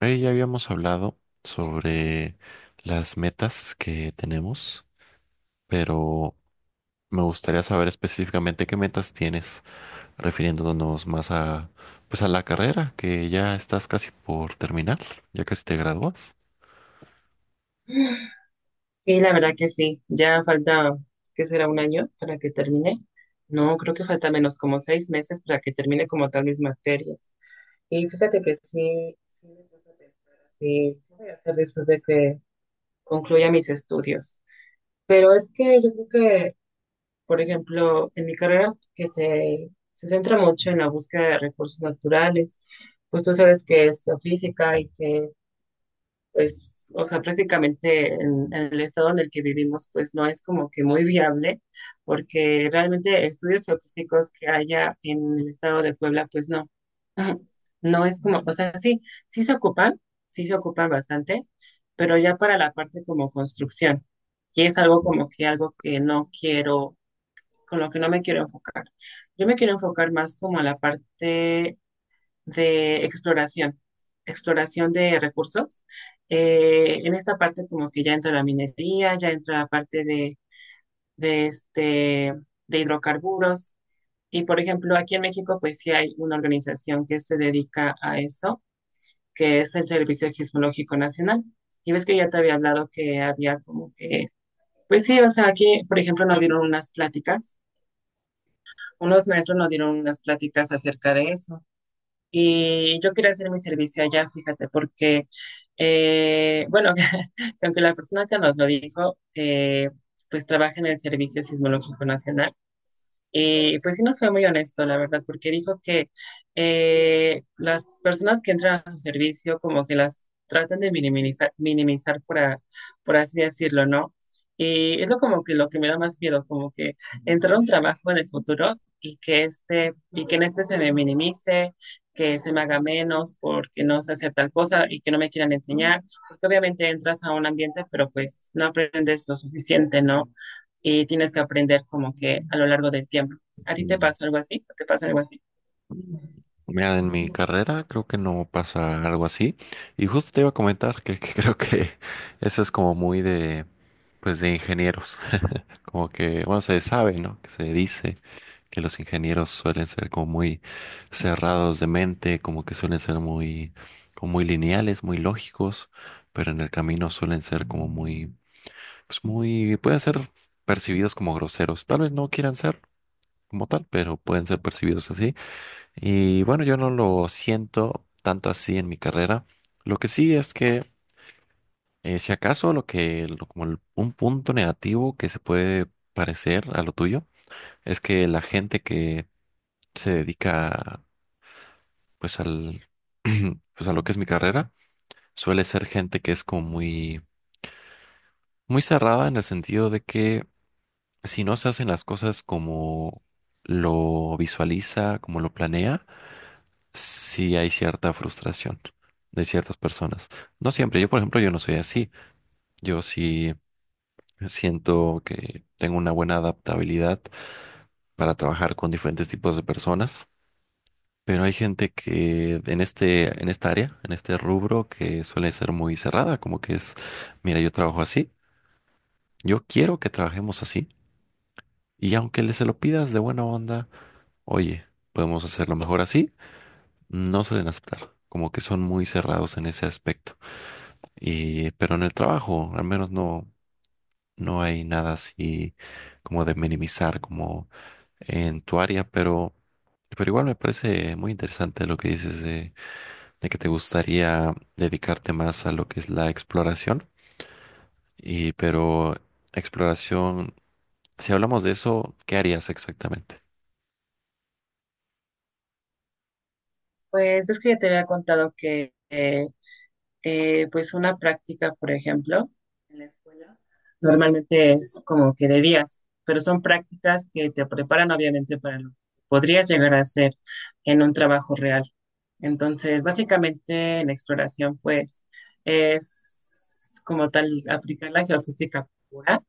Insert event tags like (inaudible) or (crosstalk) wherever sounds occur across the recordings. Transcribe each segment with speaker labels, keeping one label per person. Speaker 1: Ahí ya habíamos hablado sobre las metas que tenemos, pero me gustaría saber específicamente qué metas tienes, refiriéndonos más a, pues a la carrera, que ya estás casi por terminar, ya casi te gradúas.
Speaker 2: Sí, la verdad que sí. Ya falta, ¿qué será? Un año para que termine. No, creo que falta menos como seis meses para que termine como tal mis materias. Y fíjate que sí, sí me puse a pensar así, ¿qué voy a hacer después de que concluya mis estudios? Pero es que yo creo que, por ejemplo, en mi carrera, que se centra mucho en la búsqueda de recursos naturales, pues tú sabes que es geofísica y que pues, o sea, prácticamente en el estado en el que vivimos, pues no es como que muy viable, porque realmente estudios geofísicos que haya en el estado de Puebla, pues no, (clears throat) (laughs) no es como, o sea, sí, sí se ocupan, sí se ocupan bastante, pero ya para la parte como construcción, y es algo como que algo que no quiero, con lo que no me quiero enfocar. Yo me quiero enfocar más como a la parte de exploración, exploración de recursos. En esta parte como que ya entra la minería, ya entra la parte de, de, este, de hidrocarburos. Y por ejemplo, aquí en México pues sí hay una organización que se dedica a eso, que es el Servicio Geológico Nacional. Y ves que ya te había hablado que había como que, pues sí, o sea, aquí por ejemplo nos dieron unas pláticas, unos maestros nos dieron unas pláticas acerca de eso. Y yo quería hacer mi servicio allá, fíjate, porque, bueno, (laughs) que aunque la persona que nos lo dijo, pues trabaja en el Servicio Sismológico Nacional. Y pues sí nos fue muy honesto, la verdad, porque dijo que las personas que entran a su servicio como que las tratan de minimizar, minimizar por, por así decirlo, ¿no? Y es lo como que lo que me da más miedo, como que entrar a un trabajo en el futuro y que este, y que en este se me minimice, que se me haga menos porque no sé hacer tal cosa y que no me quieran enseñar, porque obviamente entras a un ambiente, pero pues no aprendes lo suficiente, ¿no? Y tienes que aprender como que a lo largo del tiempo. ¿A ti te
Speaker 1: Mm.
Speaker 2: pasó algo así? ¿Te pasa algo así?
Speaker 1: Mira, en mi carrera creo que no pasa algo así. Y justo te iba a comentar que (laughs) creo que eso es como muy de, pues de ingenieros. (laughs) Como que, bueno, se sabe, ¿no? Que se dice que los ingenieros suelen ser como muy cerrados de mente, como que suelen ser muy, como muy lineales, muy lógicos, pero en el camino suelen ser como muy, pues muy, pueden ser percibidos como groseros. Tal vez no quieran ser como tal, pero pueden ser percibidos así. Y bueno, yo no lo siento tanto así en mi carrera. Lo que sí es que, si acaso, lo que, lo- como el- un punto negativo que se puede parecer a lo tuyo, es que la gente que se dedica pues al, (clears throat) pues a lo que es mi carrera, suele ser gente que es como muy, muy cerrada en el sentido de que si no se hacen las cosas como lo visualiza, como lo planea, sí hay cierta frustración de ciertas personas. No siempre, yo por ejemplo, yo no soy así. Yo sí siento que tengo una buena adaptabilidad para trabajar con diferentes tipos de personas. Pero hay gente que en esta área, en este rubro, que suele ser muy cerrada, como que es, mira, yo trabajo así, yo quiero que trabajemos así. Y aunque le se lo pidas de buena onda, oye, podemos hacerlo mejor así, no suelen aceptar, como que son muy cerrados en ese aspecto. Y, pero en el trabajo, al menos no, no hay nada así como de minimizar, como en tu área, pero igual me parece muy interesante lo que dices de que te gustaría dedicarte más a lo que es la exploración. Y pero exploración, si hablamos de eso, ¿qué harías exactamente?
Speaker 2: Pues ves que ya te había contado que pues una práctica, por ejemplo, en la escuela, normalmente es como que de días, pero son prácticas que te preparan obviamente para lo que podrías llegar a hacer en un trabajo real. Entonces, básicamente la exploración, pues, es como tal aplicar la geofísica pura,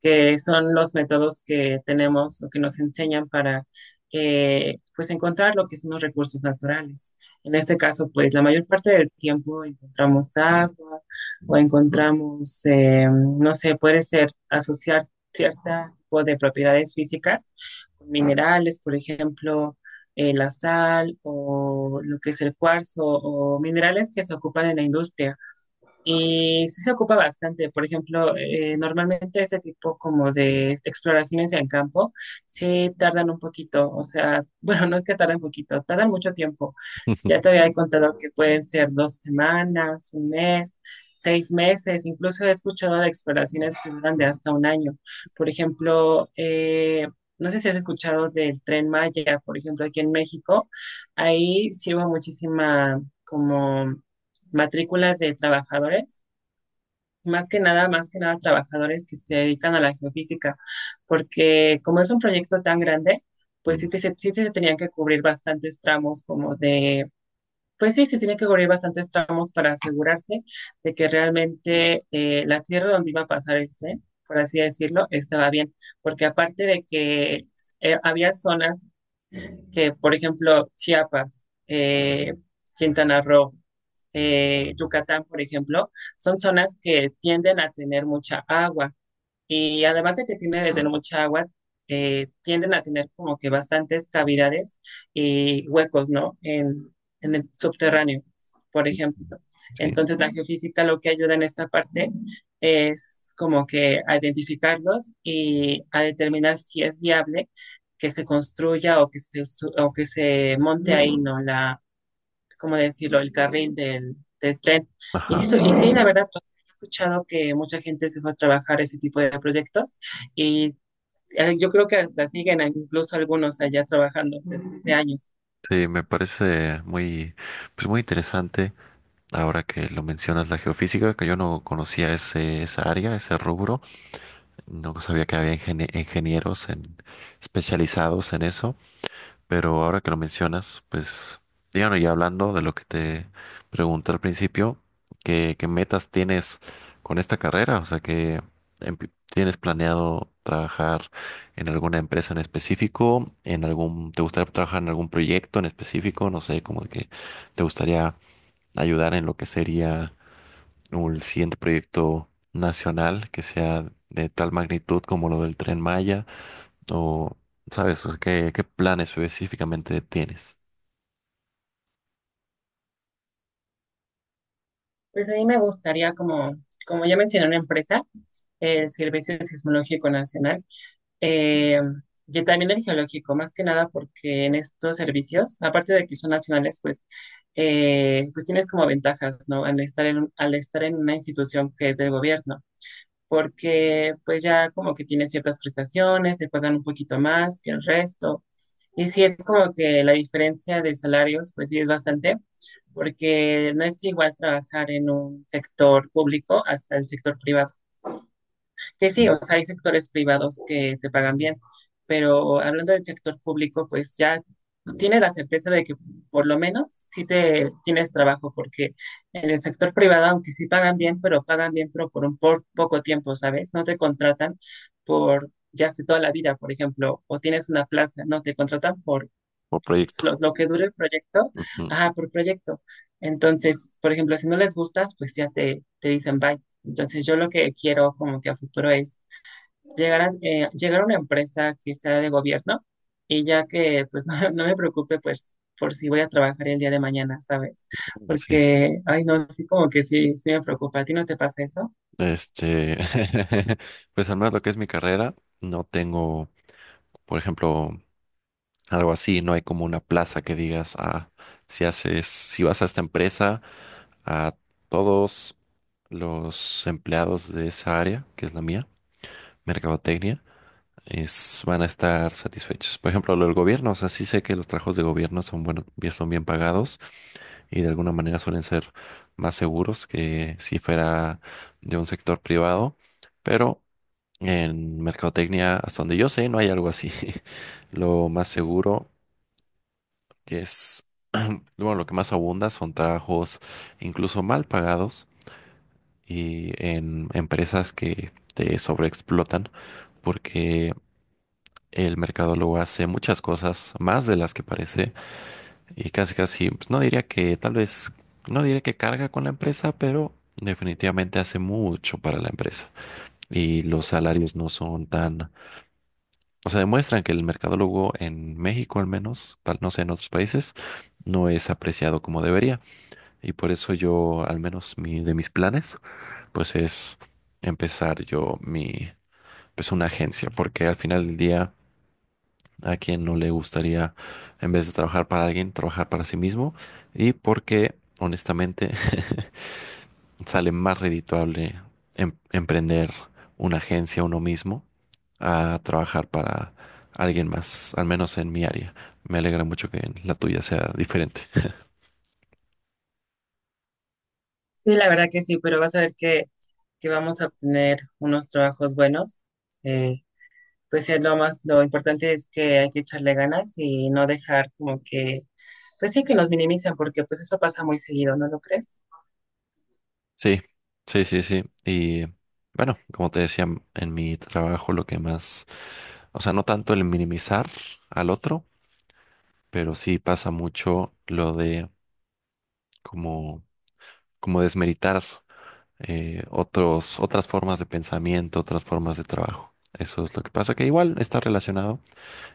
Speaker 2: que son los métodos que tenemos o que nos enseñan para, pues, encontrar lo que son los recursos naturales. En este caso, pues la mayor parte del tiempo encontramos agua o encontramos, no sé, puede ser asociar cierto tipo de propiedades físicas, con minerales, por ejemplo, la sal o lo que es el cuarzo o minerales que se ocupan en la industria. Y sí se ocupa bastante. Por ejemplo, normalmente este tipo como de exploraciones en campo sí tardan un poquito. O sea, (laughs) bueno, no es que tarden poquito, tardan mucho tiempo.
Speaker 1: (laughs)
Speaker 2: Ya te había contado que pueden ser dos semanas, un mes, seis meses. Incluso he escuchado de exploraciones que duran de hasta un año. Por ejemplo, no sé si has escuchado del Tren Maya, por ejemplo, aquí en México. Ahí sí hubo muchísima como matrículas de trabajadores, más que nada trabajadores que se dedican a la geofísica, porque como es un proyecto tan grande, pues sí,
Speaker 1: Mm,
Speaker 2: sí, sí se tenían que cubrir bastantes tramos como de, pues sí, se tienen que cubrir bastantes tramos para asegurarse de que realmente la tierra donde iba a pasar el tren, por así decirlo, estaba bien, porque aparte de que había zonas que, por ejemplo, Chiapas, Quintana Roo, Yucatán, por ejemplo, son zonas que tienden a tener mucha agua. Y además de que tiene de tener mucha agua, tienden a tener como que bastantes cavidades y huecos, ¿no? En el subterráneo, por
Speaker 1: mm,
Speaker 2: ejemplo.
Speaker 1: mm. Sí,
Speaker 2: Entonces, la geofísica lo que ayuda en esta parte es como que a identificarlos y a determinar si es viable que se construya o que o que se monte ahí, ¿no? ¿Cómo decirlo? El carril del, del tren. Y sí,
Speaker 1: ajá.
Speaker 2: y sí, la verdad, pues, he escuchado que mucha gente se fue a trabajar ese tipo de proyectos y yo creo que hasta siguen incluso algunos allá trabajando desde hace años.
Speaker 1: Sí, me parece muy, pues muy interesante ahora que lo mencionas la geofísica, que yo no conocía esa área, ese rubro, no sabía que había ingenieros especializados en eso. Pero ahora que lo mencionas, pues, díganos, ya hablando de lo que te pregunté al principio, ¿qué metas tienes con esta carrera? O sea, que tienes planeado trabajar en alguna empresa en específico, ¿te gustaría trabajar en algún proyecto en específico? No sé, como que te gustaría ayudar en lo que sería un siguiente proyecto nacional que sea de tal magnitud como lo del Tren Maya. O, ¿sabes? O ¿Qué plan específicamente tienes?
Speaker 2: Pues a mí me gustaría, como, como ya mencioné, una empresa, el Servicio Sismológico Nacional, eh, y también el geológico, más que nada porque en estos servicios, aparte de que son nacionales, pues pues tienes como ventajas, ¿no? Al estar en una institución que es del gobierno. Porque pues ya como que tiene ciertas prestaciones, te pagan un poquito más que el resto. Y sí es como que la diferencia de salarios, pues sí es bastante, porque no es igual trabajar en un sector público hasta el sector privado que sí,
Speaker 1: ¿Mm?
Speaker 2: o sea, hay sectores privados que te pagan bien, pero hablando del sector público, pues ya tienes la certeza de que por lo menos sí te tienes trabajo, porque en el sector privado, aunque sí pagan bien, pero por poco tiempo, ¿sabes? No te contratan por ya hace toda la vida, por ejemplo, o tienes una plaza, no, te contratan por
Speaker 1: ¿O proyecto?
Speaker 2: lo que dure el proyecto,
Speaker 1: Ujú.
Speaker 2: ajá, por proyecto. Entonces, por ejemplo, si no les gustas, pues ya te dicen bye. Entonces, yo lo que quiero como que a futuro es llegar a, llegar a una empresa que sea de gobierno y ya que pues (laughs) no, no me preocupe pues por si voy a trabajar el día de mañana, ¿sabes?
Speaker 1: Sí, sí.
Speaker 2: Porque, ay no, sí como que sí, sí me preocupa. ¿A ti no te pasa eso?
Speaker 1: Este, (laughs) pues al menos lo que es mi carrera, no tengo, por ejemplo, algo así, no hay como una plaza que digas, ah, si haces, si vas a esta empresa, a todos los empleados de esa área, que es la mía, mercadotecnia, es, van a estar satisfechos. Por ejemplo, lo del gobierno, o sea, sí sé que los trabajos de gobierno son buenos, son bien pagados y de alguna manera suelen ser más seguros que si fuera de un sector privado, pero en mercadotecnia, hasta donde yo sé, no hay algo así. (laughs) Lo más seguro que es, bueno, lo que más abunda son trabajos incluso mal pagados y en empresas que te sobreexplotan porque el mercadólogo hace muchas cosas más de las que parece. Y casi casi, pues, no diría que tal vez, no diría que carga con la empresa, pero definitivamente hace mucho para la empresa. Y los salarios no son tan, o sea, demuestran que el mercadólogo en México al menos, tal no sé, en otros países, no es apreciado como debería. Y por eso yo, al menos de mis planes, pues es empezar yo pues una agencia, porque al final del día a quien no le gustaría, en vez de trabajar para alguien, trabajar para sí mismo y porque honestamente (laughs) sale más redituable emprender una agencia uno mismo a trabajar para alguien más, al menos en mi área. Me alegra mucho que la tuya sea diferente.
Speaker 2: Sí, la verdad que sí, pero vas a ver que vamos a obtener unos trabajos buenos. Pues es lo más, lo importante es que hay que echarle ganas y no dejar como que, pues sí que nos minimizan, porque pues eso pasa muy seguido, ¿no lo crees?
Speaker 1: Sí, sí, sí, sí. Y bueno, como te decía, en mi trabajo lo que más, o sea, no tanto el minimizar al otro, pero sí pasa mucho lo de como, como desmeritar otras formas de pensamiento, otras formas de trabajo. Eso es lo que pasa, que igual está relacionado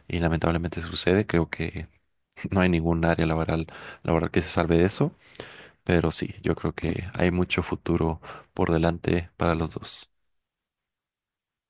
Speaker 1: y lamentablemente sucede. Creo que (laughs) no hay ningún área laboral que se salve de eso, pero sí, yo creo que hay mucho futuro por delante para los dos.